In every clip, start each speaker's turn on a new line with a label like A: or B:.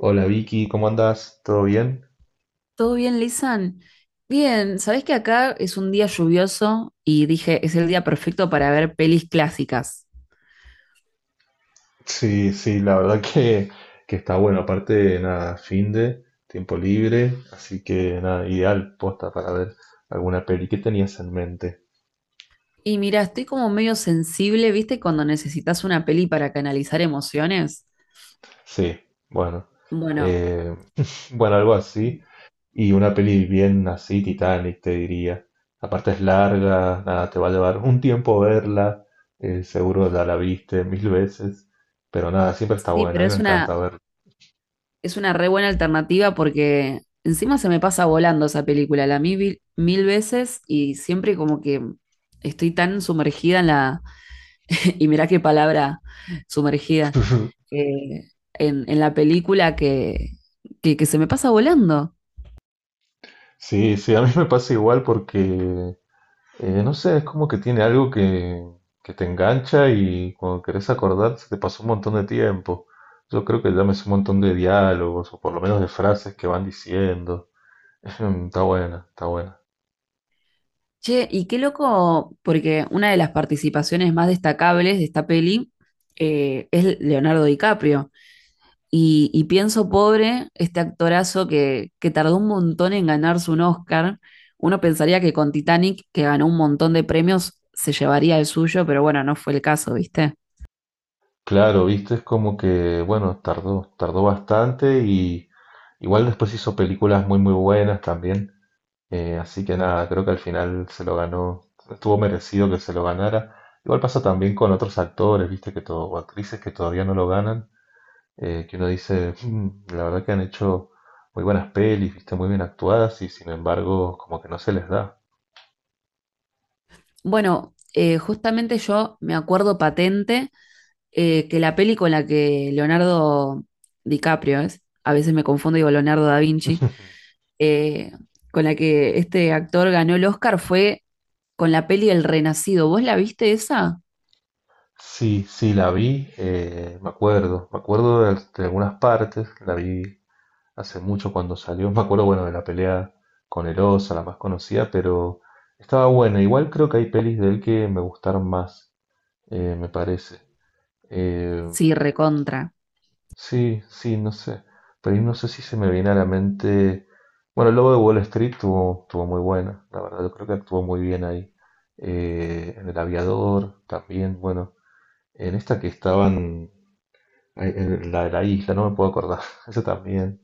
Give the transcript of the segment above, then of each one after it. A: Hola Vicky, ¿cómo andás? ¿Todo bien?
B: ¿Todo bien, Lisan? Bien, sabés que acá es un día lluvioso y dije, es el día perfecto para ver pelis clásicas.
A: Sí, sí, la verdad que está bueno. Aparte, nada, fin de tiempo libre, así que nada, ideal posta para ver alguna peli. ¿Qué tenías en mente?
B: Y mira, estoy como medio sensible, ¿viste? Cuando necesitas una peli para canalizar emociones.
A: Sí, bueno,
B: Bueno,
A: eh, bueno, algo así. Y una peli bien así, Titanic, te diría. Aparte es larga, nada, te va a llevar un tiempo verla. Seguro ya la viste mil veces, pero nada, siempre está
B: sí,
A: buena. A
B: pero
A: mí me encanta verla.
B: es una re buena alternativa porque encima se me pasa volando esa película. La vi mil, mil veces y siempre como que estoy tan sumergida Y mirá qué palabra sumergida en la película que se me pasa volando.
A: Sí, sí, a mí me pasa igual porque no sé, es como que tiene algo que te engancha y cuando querés acordar se te pasó un montón de tiempo. Yo creo que ya me sé un montón de diálogos o por lo menos de frases que van diciendo. Está buena, está buena.
B: Che, y qué loco, porque una de las participaciones más destacables de esta peli es Leonardo DiCaprio. Y pienso, pobre, este actorazo que tardó un montón en ganarse un Oscar. Uno pensaría que con Titanic, que ganó un montón de premios, se llevaría el suyo, pero bueno, no fue el caso, ¿viste?
A: Claro, viste, es como que, bueno, tardó bastante y igual después hizo películas muy buenas también. Así que nada, creo que al final se lo ganó, estuvo merecido que se lo ganara. Igual pasa también con otros actores, viste, o actrices que todavía no lo ganan, que uno dice, "Mm, la verdad que han hecho muy buenas pelis, viste, muy bien actuadas y sin embargo como que no se les da".
B: Bueno, justamente yo me acuerdo patente que la peli con la que Leonardo DiCaprio es, a veces me confundo, digo Leonardo da Vinci, eh, con la que este actor ganó el Oscar fue con la peli El Renacido. ¿Vos la viste esa?
A: Sí, sí, la vi, me acuerdo de algunas partes, la vi hace mucho cuando salió, me acuerdo, bueno, de la pelea con Erosa, la más conocida, pero estaba buena. Igual creo que hay pelis de él que me gustaron más. Me parece. Eh,
B: Sí, recontra.
A: sí, sí, no sé. Pero ahí no sé si se me viene a la mente. Bueno, el Lobo de Wall Street tuvo muy buena, la verdad, yo creo que actuó muy bien ahí. En El Aviador también, bueno, en esta que estaban, ay, en la de la isla, no me puedo acordar, esa también.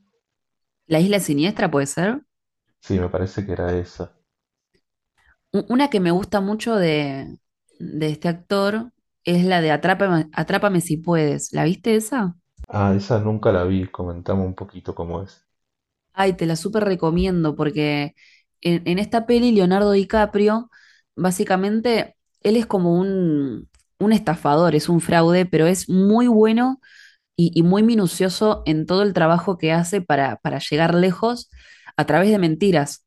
B: La Isla Siniestra puede ser.
A: Sí, me parece que era esa.
B: Una que me gusta mucho de este actor es la de Atrápame si puedes. ¿La viste esa?
A: Ah, esa nunca la vi, comentame un poquito cómo es.
B: Ay, te la súper recomiendo porque en esta peli Leonardo DiCaprio, básicamente, él es como un estafador, es un fraude, pero es muy bueno y muy minucioso en todo el trabajo que hace para llegar lejos a través de mentiras.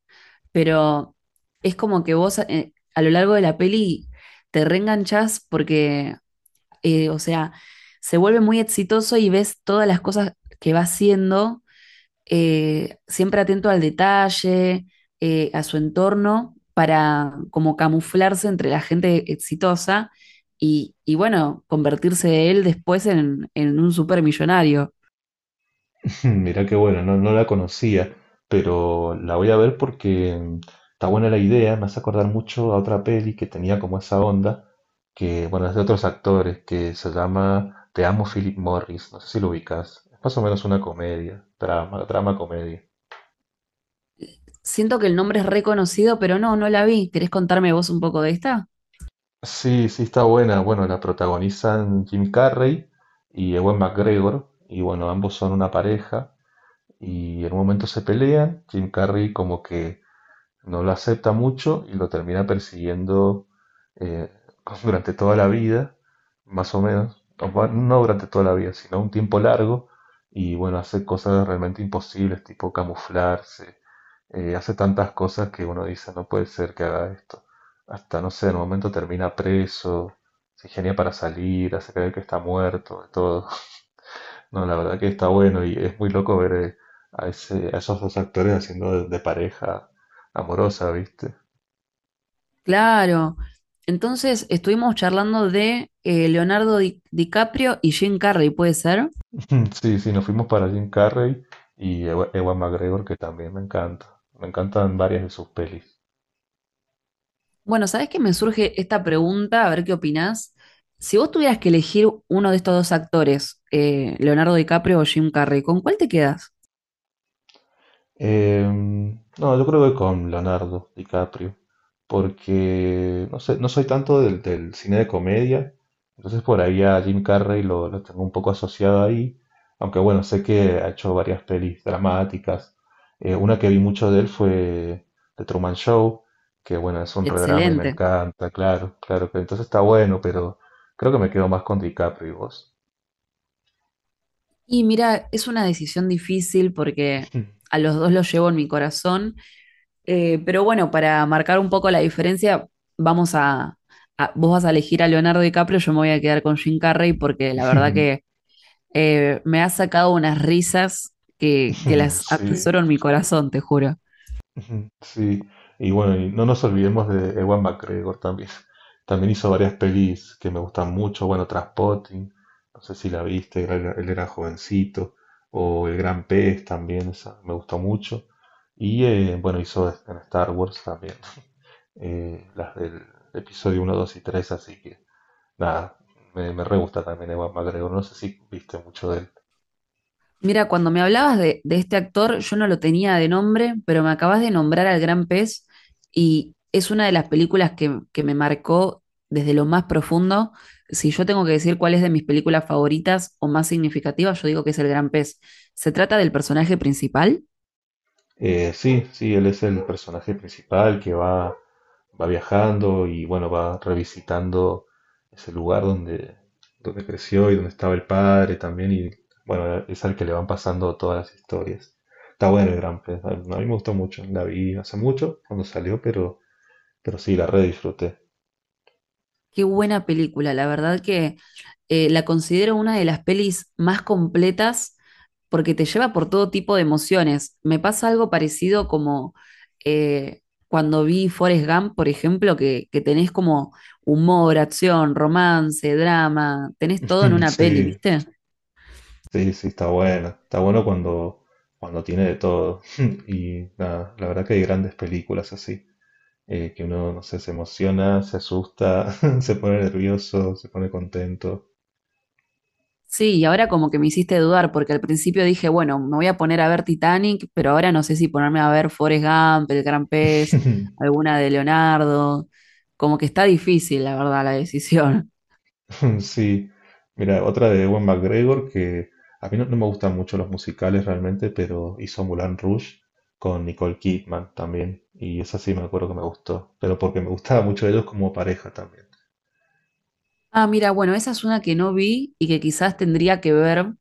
B: Pero es como que vos a lo largo de la peli te reenganchás porque, o sea, se vuelve muy exitoso y ves todas las cosas que va haciendo, siempre atento al detalle, a su entorno, para como camuflarse entre la gente exitosa y bueno, convertirse él después en un supermillonario.
A: Hmm, mira qué bueno, no, no la conocía, pero la voy a ver porque mm, está buena la idea, me hace acordar mucho a otra peli que tenía como esa onda, que bueno, es de otros actores, que se llama Te amo Philip Morris, no sé si lo ubicas, es más o menos una comedia, drama, drama comedia.
B: Siento que el nombre es reconocido, pero no, no la vi. ¿Querés contarme vos un poco de esta?
A: Sí, sí, está buena, bueno, la protagonizan Jim Carrey y Ewan McGregor, y bueno, ambos son una pareja, y en un momento se pelean, Jim Carrey como que no lo acepta mucho y lo termina persiguiendo eh, durante toda la vida, más o menos, no durante toda la vida, sino un tiempo largo, y bueno, hace cosas realmente imposibles, tipo camuflarse, hace tantas cosas que uno dice, no puede ser que haga esto. Hasta, no sé, en un momento termina preso, se ingenia para salir, hace creer que está muerto, de todo. No, la verdad que está bueno y es muy loco ver a esos dos actores haciendo de pareja amorosa, ¿viste?
B: Claro. Entonces estuvimos charlando de DiCaprio y Jim Carrey, ¿puede ser?
A: Sí, sí, nos fuimos para Jim Carrey y Ewa McGregor, que también me encanta. Me encantan varias de sus películas.
B: Bueno, ¿sabés que me surge esta pregunta? A ver qué opinás. Si vos tuvieras que elegir uno de estos dos actores, Leonardo DiCaprio o Jim Carrey, ¿con cuál te quedas?
A: Em, no, yo creo que con Leonardo DiCaprio, porque no sé, no soy tanto del cine de comedia, entonces por ahí a Jim Carrey lo tengo un poco asociado ahí, aunque bueno, sé que ha hecho varias pelis dramáticas. Una que vi mucho de él fue The Truman Show, que bueno, es un redrama y me
B: Excelente.
A: encanta, claro, claro que entonces está bueno, pero creo que me quedo más con DiCaprio. ¿Y vos?
B: Y mira, es una decisión difícil porque a los dos los llevo en mi corazón. Pero bueno, para marcar un poco la diferencia, vamos a, vos vas a elegir a Leonardo DiCaprio, yo me voy a quedar con Jim Carrey porque la verdad que me ha sacado unas risas que las
A: Sí.
B: atesoro en mi corazón, te juro.
A: Ujú, sí, y bueno, y no nos olvidemos de Ewan McGregor también. También hizo varias pelis que me gustan mucho. Bueno, Trainspotting, no sé si la viste, él era jovencito. O El Gran Pez también, esa me gustó mucho. Y bueno, hizo en Star Wars también, las del episodio uno, 2 y 3. Así que nada, me re gusta también Ewan McGregor. No sé si viste mucho de él.
B: Mira, cuando me hablabas de este actor, yo no lo tenía de nombre, pero me acabas de nombrar al Gran Pez y es una de las películas que me marcó desde lo más profundo. Si yo tengo que decir cuál es de mis películas favoritas o más significativas, yo digo que es El Gran Pez. ¿Se trata del personaje principal?
A: Sí, sí, él es el personaje principal que va viajando y bueno, va revisitando ese lugar donde creció y donde estaba el padre también y bueno, es al que le van pasando todas las historias. Está bueno el Gran Prix, a mí me gustó mucho, la vi hace mucho cuando salió, pero sí, la re disfruté.
B: Qué buena película, la verdad que la considero una de las pelis más completas porque te lleva por todo tipo de emociones. Me pasa algo parecido como, cuando vi Forrest Gump, por ejemplo, que tenés como humor, acción, romance, drama, tenés todo en una peli,
A: Sí,
B: ¿viste?
A: sí, sí, está buena, está bueno cuando tiene de todo y nada, la verdad que hay grandes películas así. Que uno, no sé, se emociona, se asusta, se pone nervioso, se pone contento.
B: Sí, y ahora como que me hiciste dudar, porque al principio dije, bueno, me voy a poner a ver Titanic, pero ahora no sé si ponerme a ver Forrest Gump, El Gran Pez, alguna de Leonardo. Como que está difícil, la verdad, la decisión.
A: Sí, mira, otra de Ewan McGregor que a mí no, no me gustan mucho los musicales realmente, pero hizo Moulin Rouge con Nicole Kidman también, y esa sí me acuerdo que me gustó, pero porque me gustaba mucho ellos como pareja también.
B: Ah, mira, bueno, esa es una que no vi y que quizás tendría que ver,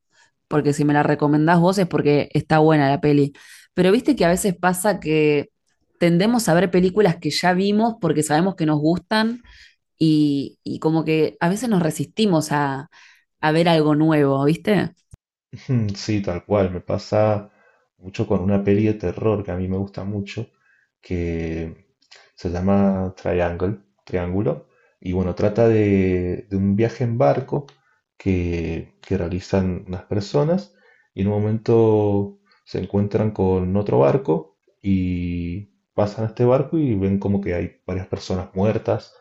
B: porque si me la recomendás vos es porque está buena la peli. Pero viste que a veces pasa que tendemos a ver películas que ya vimos porque sabemos que nos gustan y como que a veces nos resistimos a ver algo nuevo, ¿viste?
A: Mm, sí, tal cual, me pasa mucho con una peli de terror que a mí me gusta mucho, que se llama Triangle, Triángulo, y bueno, trata de un viaje en barco que realizan unas personas y en un momento se encuentran con otro barco y pasan a este barco y ven como que hay varias personas muertas,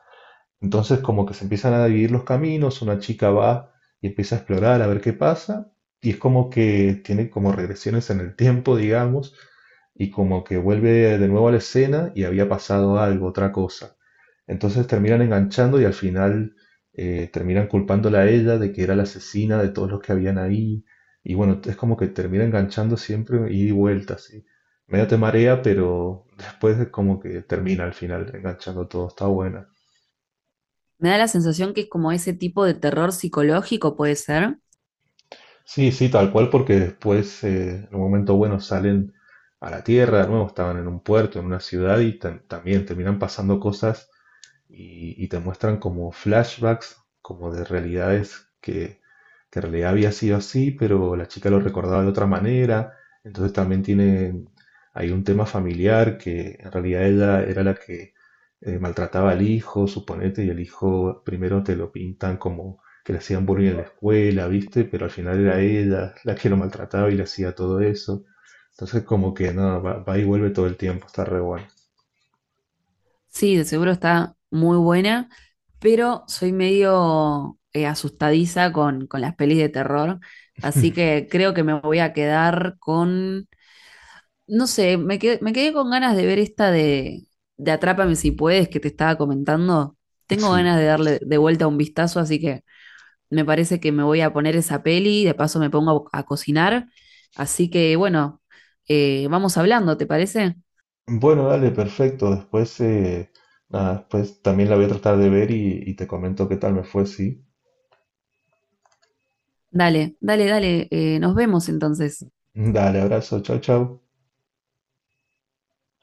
A: entonces como que se empiezan a dividir los caminos, una chica va y empieza a explorar a ver qué pasa, y es como que tiene como regresiones en el tiempo, digamos, y como que vuelve de nuevo a la escena y había pasado algo, otra cosa. Entonces terminan enganchando y al final terminan culpándola a ella de que era la asesina de todos los que habían ahí. Y bueno, es como que termina enganchando siempre ida y vuelta, así. Medio te marea, pero después es como que termina al final enganchando todo, está buena.
B: Me da la sensación que es como ese tipo de terror psicológico, puede ser.
A: Sí, sí, tal cual, porque después, en un momento bueno, salen a la tierra, de nuevo, estaban en un puerto, en una ciudad y también terminan pasando cosas y te muestran como flashbacks, como de realidades que en realidad había sido así, pero la chica lo recordaba de otra manera. Entonces también tiene hay un tema familiar que en realidad ella era la que maltrataba al hijo, suponete, y el hijo primero te lo pintan como que le hacían bullying en la escuela, ¿viste? Pero al final era ella la que lo maltrataba y le hacía todo eso. Entonces como que no, va y vuelve todo el tiempo, está re bueno.
B: Sí, de seguro está muy buena, pero soy medio asustadiza con las pelis de terror, así que creo que me voy a quedar con, no sé, me quedé con ganas de ver esta de Atrápame si puedes que te estaba comentando. Tengo
A: Sí,
B: ganas de darle de vuelta un vistazo, así que me parece que me voy a poner esa peli, de paso me pongo a cocinar. Así que bueno, vamos hablando, ¿te parece?
A: bueno, dale, perfecto. Después, nada, después también la voy a tratar de ver y te comento qué tal me fue, sí.
B: Dale, nos vemos entonces.
A: Dale, abrazo, chao, chao.